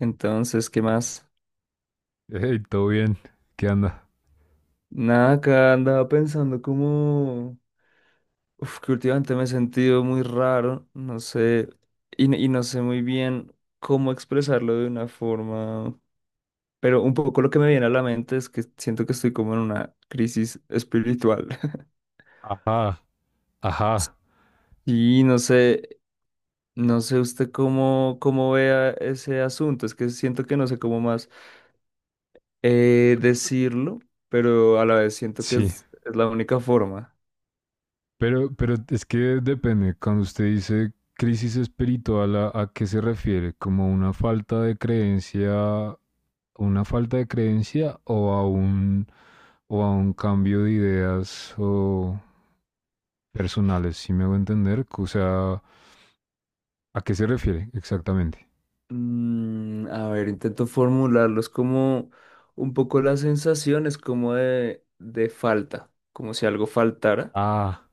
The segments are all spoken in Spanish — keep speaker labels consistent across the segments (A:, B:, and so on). A: Entonces, ¿qué más?
B: Hey, todo bien. ¿Qué anda?
A: Nada, acá andaba pensando como... que últimamente me he sentido muy raro, no sé, y no sé muy bien cómo expresarlo de una forma, pero un poco lo que me viene a la mente es que siento que estoy como en una crisis espiritual.
B: Ajá, ajá,
A: Y no sé, no sé usted cómo, cómo vea ese asunto, es que siento que no sé cómo más decirlo, pero a la vez siento que
B: sí.
A: es la única forma.
B: Pero es que depende. Cuando usted dice crisis espiritual, ¿a qué se refiere? ¿Como una falta de creencia, una falta de creencia o a un cambio de ideas o personales? ¿Sí me hago entender? O sea, ¿a qué se refiere exactamente?
A: A ver, intento formularlos como un poco las sensaciones como de falta, como si algo faltara,
B: Ah,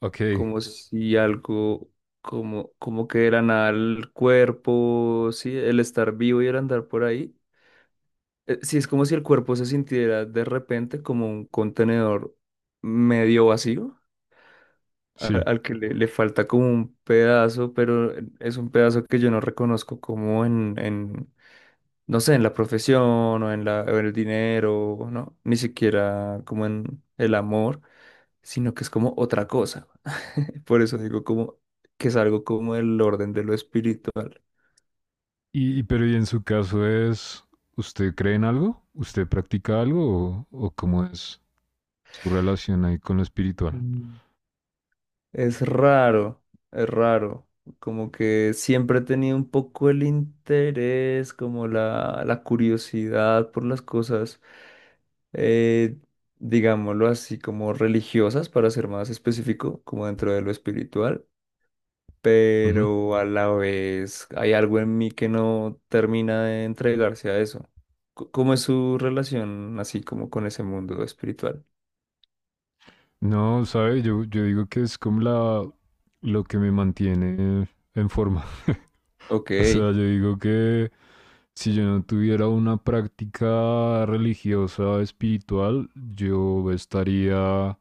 B: ok,
A: como si algo, como, como que de la nada el cuerpo, sí, el estar vivo y el andar por ahí. Sí, es como si el cuerpo se sintiera de repente como un contenedor medio vacío, a-
B: sí.
A: al que le falta como un pedazo, pero es un pedazo que yo no reconozco como en no sé, en la profesión o en la, o en el dinero, ¿no? Ni siquiera como en el amor, sino que es como otra cosa. Por eso digo como que es algo como el orden de lo espiritual.
B: Y en su caso es, ¿usted cree en algo? ¿Usted practica algo? O cómo es su relación ahí con lo espiritual?
A: Mm. Es raro, es raro. Como que siempre he tenido un poco el interés, como la curiosidad por las cosas, eh, digámoslo así, como religiosas, para ser más específico, como dentro de lo espiritual,
B: Ujú.
A: pero a la vez hay algo en mí que no termina de entregarse a eso. ¿Cómo es su relación así como con ese mundo espiritual?
B: No, sabe, yo digo que es como la, lo que me mantiene en forma.
A: Ok,
B: O sea, yo digo que si yo no tuviera una práctica religiosa, espiritual, yo estaría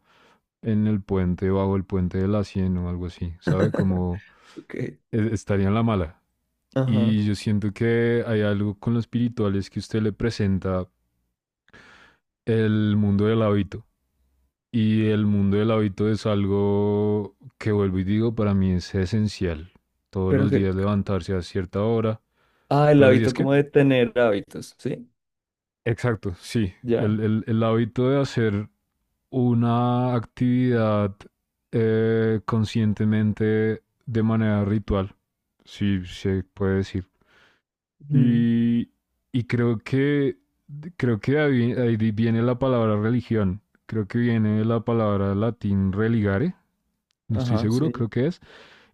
B: en el puente, bajo el puente de la 100 o algo así, ¿sabe? Como
A: ok,
B: e- estaría en la mala.
A: ajá,
B: Y yo siento que hay algo con los espirituales que usted le presenta el mundo del hábito. Y el mundo del hábito es algo que vuelvo y digo, para mí es esencial. Todos
A: pero
B: los
A: que,
B: días levantarse a cierta hora.
A: ah, el
B: ¿Todos los días
A: hábito
B: qué?
A: como de tener hábitos, ¿sí?
B: Exacto, sí. El,
A: Ya,
B: el- el hábito de hacer una actividad conscientemente de manera ritual, si se puede decir.
A: mm,
B: Y, y creo que ahí viene la palabra religión. Creo que viene de la palabra latín religare, no estoy
A: ajá,
B: seguro,
A: sí.
B: creo que es.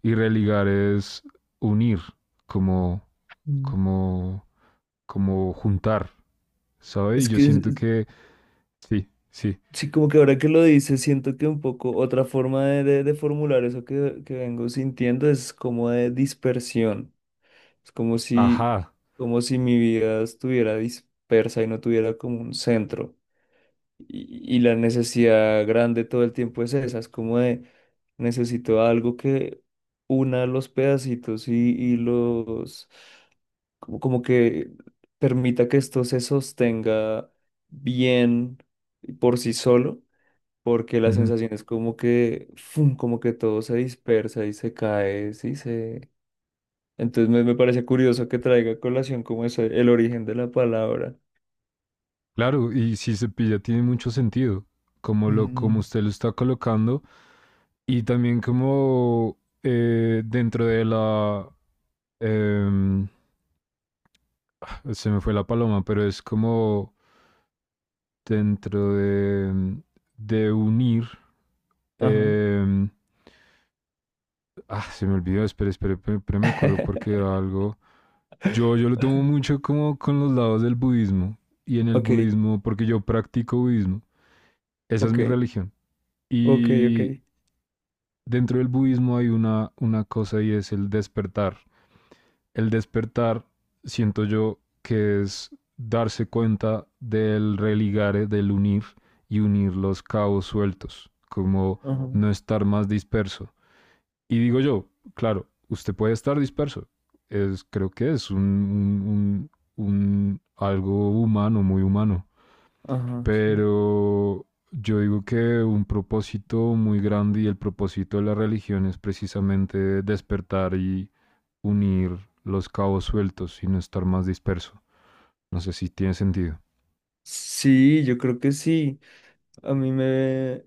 B: Y religar es unir, como,
A: Mm.
B: como, como juntar, ¿sabes? Y
A: Es
B: yo
A: que,
B: siento
A: es-
B: que sí, sí.
A: sí, como que ahora que lo dices, siento que un poco otra forma de formular eso que vengo sintiendo es como de dispersión. Es
B: Ajá.
A: como si mi vida estuviera dispersa y no tuviera como un centro. Y la necesidad grande todo el tiempo es esa, es como de necesito algo que una los pedacitos y los, como, como que permita que esto se sostenga bien por sí solo, porque la
B: Ujú.
A: sensación es como que, fum, como que todo se dispersa y se cae, sí, entonces me parece curioso que traiga a colación como eso, el origen de la palabra.
B: Claro, y si se pilla tiene mucho sentido, como lo, como
A: Mm.
B: usted lo está colocando, y también como dentro de la em, se me fue la paloma, pero es como dentro de unir.
A: Ajá.
B: em, ah, se me olvidó, espera, espera, espera, espera, me acuerdo porque era algo. Yo lo tomo mucho como con los lados del budismo y en el
A: Ok,
B: budismo, porque yo practico budismo. Esa es
A: ok,
B: mi religión.
A: ok, ok.
B: Y dentro del budismo hay una cosa y es el despertar. El despertar, siento yo, que es darse cuenta del religare, del unir y unir los cabos sueltos, como
A: Ajá,
B: no estar más disperso. Y digo yo, claro, usted puede estar disperso. Es, creo que es un algo humano, muy humano.
A: ajá, sí.
B: Pero yo digo que un propósito muy grande y el propósito de la religión es precisamente despertar y unir los cabos sueltos y no estar más disperso. No sé si tiene sentido.
A: Sí, yo creo que sí. A mí me,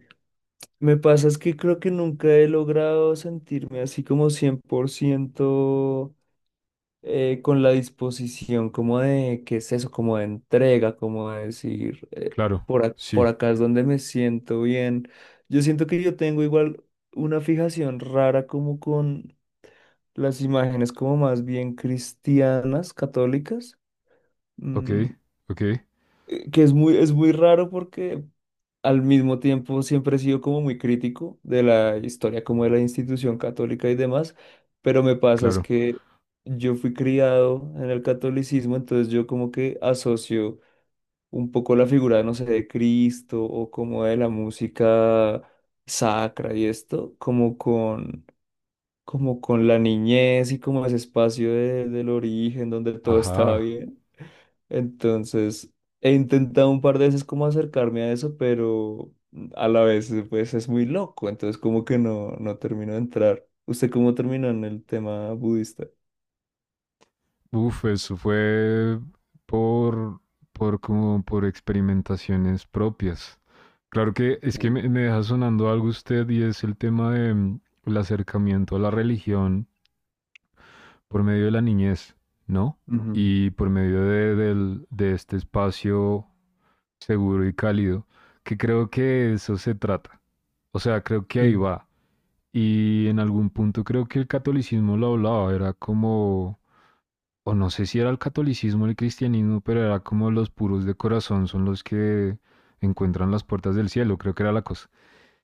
A: me pasa es que creo que nunca he logrado sentirme así como 100%. Con la disposición como de, ¿qué es eso? Como de entrega, como de decir,
B: Claro,
A: por
B: sí.
A: acá es donde me siento bien. Yo siento que yo tengo igual una fijación rara como con las imágenes como más bien cristianas, católicas.
B: Ok,
A: Mm,
B: ok,
A: que es muy raro porque al mismo tiempo siempre he sido como muy crítico de la historia, como de la institución católica y demás, pero me pasa es
B: claro.
A: que yo fui criado en el catolicismo, entonces yo como que asocio un poco la figura, no sé, de Cristo o como de la música sacra y esto, como con la niñez y como ese espacio del origen donde todo estaba
B: Ajá.
A: bien. Entonces, he intentado un par de veces como acercarme a eso, pero a la vez pues es muy loco, entonces como que no, no termino de entrar. ¿Usted cómo terminó en el tema budista?
B: Uf, eso fue por, por como por experimentaciones propias. Claro que es que
A: Okay.
B: me deja sonando algo usted y es el tema de el acercamiento a la religión por medio de la niñez, ¿no?
A: Ujú,
B: Y por medio de, del- de este espacio seguro y cálido, que creo que eso se trata. O sea, creo que ahí
A: sí,
B: va. Y en algún punto creo que el catolicismo lo hablaba, era como, o no sé si era el catolicismo o el cristianismo, pero era como los puros de corazón son los que encuentran las puertas del cielo, creo que era la cosa.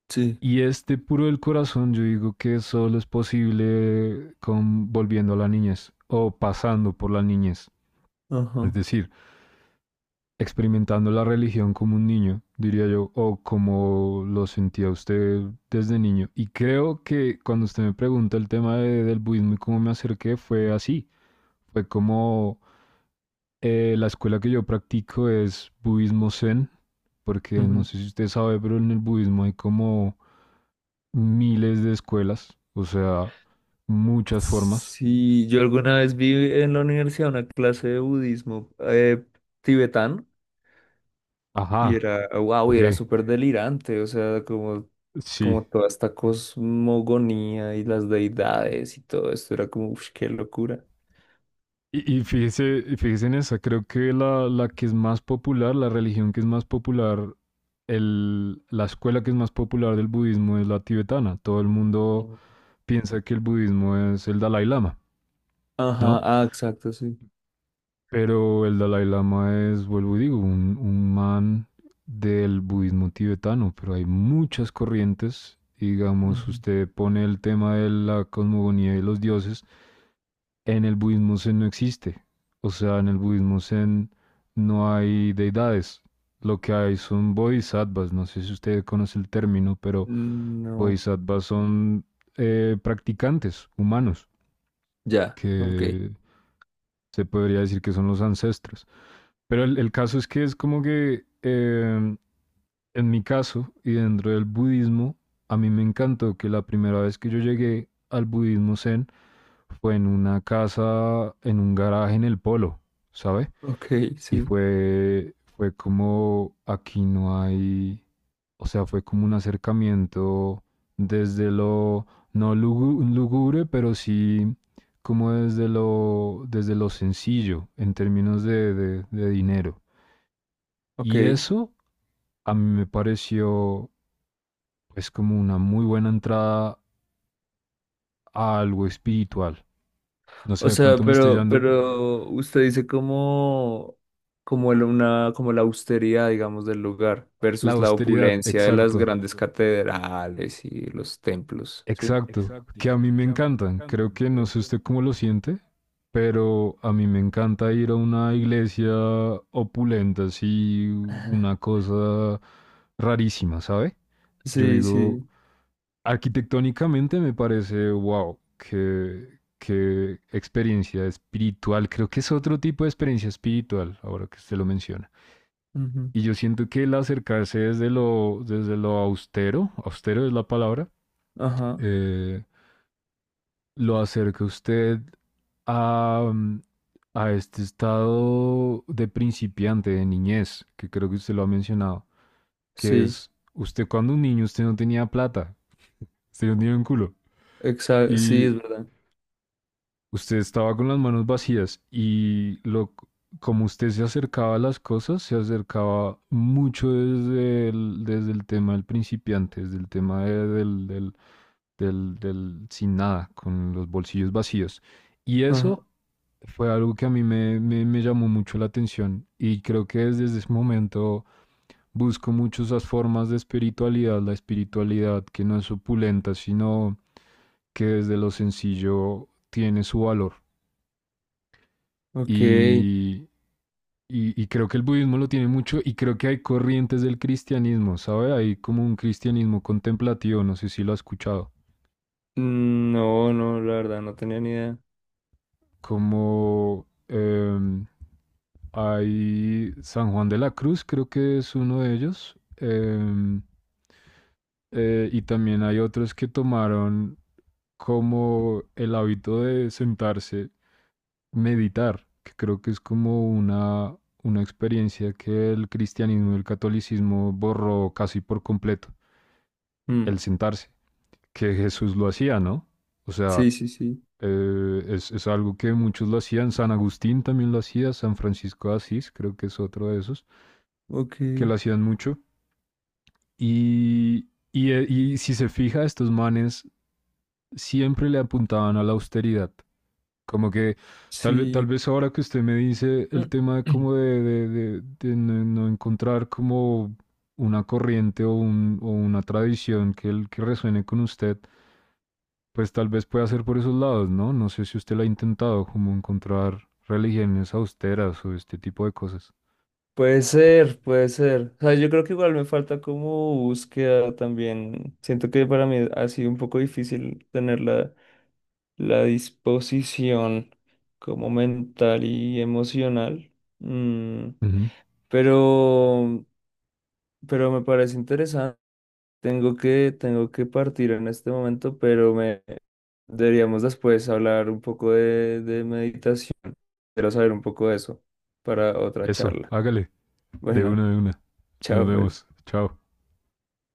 A: sí,
B: Y este puro del corazón, yo digo que solo es posible con volviendo a la niñez o pasando por la niñez. Es
A: ajá.
B: decir, experimentando la religión como un niño, diría yo, o como lo sentía usted desde niño. Y creo que cuando usted me pregunta el tema de- del budismo y cómo me acerqué, fue así. Fue como la escuela que yo practico es budismo zen, porque no
A: Ujú.
B: sé si usted sabe, pero en el budismo hay como miles de escuelas, o sea, muchas formas.
A: Sí, yo alguna vez vi en la universidad una clase de budismo tibetano. Y
B: Ajá,
A: era, wow,
B: ok,
A: era súper delirante, o sea, como,
B: sí.
A: como toda esta cosmogonía y las deidades y todo esto, era como, uff, qué locura.
B: Y fíjese, y fíjese en esa, creo que la que es más popular, la religión que es más popular, el, la escuela que es más popular del budismo es la tibetana. Todo el mundo
A: Mm.
B: piensa que el budismo es el Dalai Lama,
A: Ajá,
B: ¿no?
A: ah, exacto, sí.
B: Pero el Dalai Lama es, vuelvo y digo, un man del budismo tibetano, pero hay muchas corrientes. Digamos,
A: Ujú.
B: usted pone el tema de la cosmogonía y los dioses, en el budismo zen no existe. O sea, en el budismo zen no hay deidades. Lo que hay son bodhisattvas. No sé si usted conoce el término, pero
A: No,
B: bodhisattvas son practicantes humanos,
A: ya, ok,
B: que se podría decir que son los ancestros. Pero el caso es que es como que en mi caso y dentro del budismo, a mí me encantó que la primera vez que yo llegué al budismo zen fue en una casa, en un garaje en el polo, ¿sabe?
A: ok,
B: Y
A: sí,
B: fue, fue como aquí no hay, o sea, fue como un acercamiento desde lo no lugu- lúgubre, pero sí como desde lo sencillo en términos de dinero.
A: ok.
B: Y eso a mí me pareció pues como una muy buena entrada a algo espiritual. No sé,
A: O
B: de
A: sea,
B: pronto me estoy yendo
A: pero usted dice como, como la austeridad, digamos, del lugar
B: la
A: versus la
B: austeridad,
A: opulencia de las
B: exacto,
A: grandes catedrales y los templos, ¿sí?
B: exacto, que a mí me encantan. Creo que no sé usted cómo lo siente, pero a mí me encanta ir a una iglesia opulenta, así una cosa rarísima, ¿sabe? Yo
A: Sí,
B: digo,
A: sí.
B: arquitectónicamente me parece, wow, qué, qué experiencia espiritual. Creo que es otro tipo de experiencia espiritual, ahora que usted lo menciona. Y yo siento que el acercarse desde lo austero, austero es la palabra,
A: Ajá,
B: eh, lo acerca usted a, a este estado de principiante, de niñez, que creo que usted lo ha mencionado, que
A: sí,
B: es usted cuando un niño, usted no tenía plata, usted no tenía un culo.
A: exacto, sí,
B: Y
A: es verdad.
B: usted estaba con las manos vacías y lo, como usted se acercaba a las cosas, se acercaba mucho desde el tema del principiante, desde el tema de- del, del, del, del sin nada, con los bolsillos vacíos. Y
A: Ajá,
B: eso fue algo que a mí me, me, me llamó mucho la atención y creo que desde ese momento busco mucho esas formas de espiritualidad, la espiritualidad que no es opulenta, sino que desde lo sencillo tiene su valor.
A: ok.
B: Y, y creo que el budismo lo tiene mucho y creo que hay corrientes del cristianismo, ¿sabe? Hay como un cristianismo contemplativo, no sé si lo ha escuchado.
A: Mm, no, no, la verdad, no tenía ni idea.
B: Como hay San Juan de la Cruz, creo que es uno de ellos, y también hay otros que tomaron como el hábito de sentarse, meditar, que creo que es como una experiencia que el cristianismo y el catolicismo borró casi por completo,
A: Mm,
B: el sentarse, que Jesús lo hacía, ¿no? O sea,
A: sí, sí, sí.
B: es algo que muchos lo hacían, San Agustín también lo hacía, San Francisco de Asís creo que es otro de esos,
A: Ok,
B: que lo hacían mucho. Y si se fija, estos manes siempre le apuntaban a la austeridad. Como que tal, ve- tal
A: sí.
B: vez ahora que usted me dice el
A: Mm.
B: tema de como de no, no encontrar como una corriente o, un- o una tradición que, el- que resuene con usted, pues tal vez pueda ser por esos lados, ¿no? No sé si usted lo ha intentado, como encontrar religiones austeras o este tipo de cosas.
A: Puede ser, puede ser. O sea, yo creo que igual me falta como búsqueda también. Siento que para mí ha sido un poco difícil tener la, la disposición como mental y emocional. Mm,
B: Ujú.
A: pero, pero me parece interesante. Tengo que partir en este momento, pero me deberíamos después hablar un poco de meditación. Quiero saber un poco de eso para otra
B: Eso,
A: charla.
B: hágale, de
A: Bueno,
B: una de una. Nos
A: chao pues.
B: vemos, chao.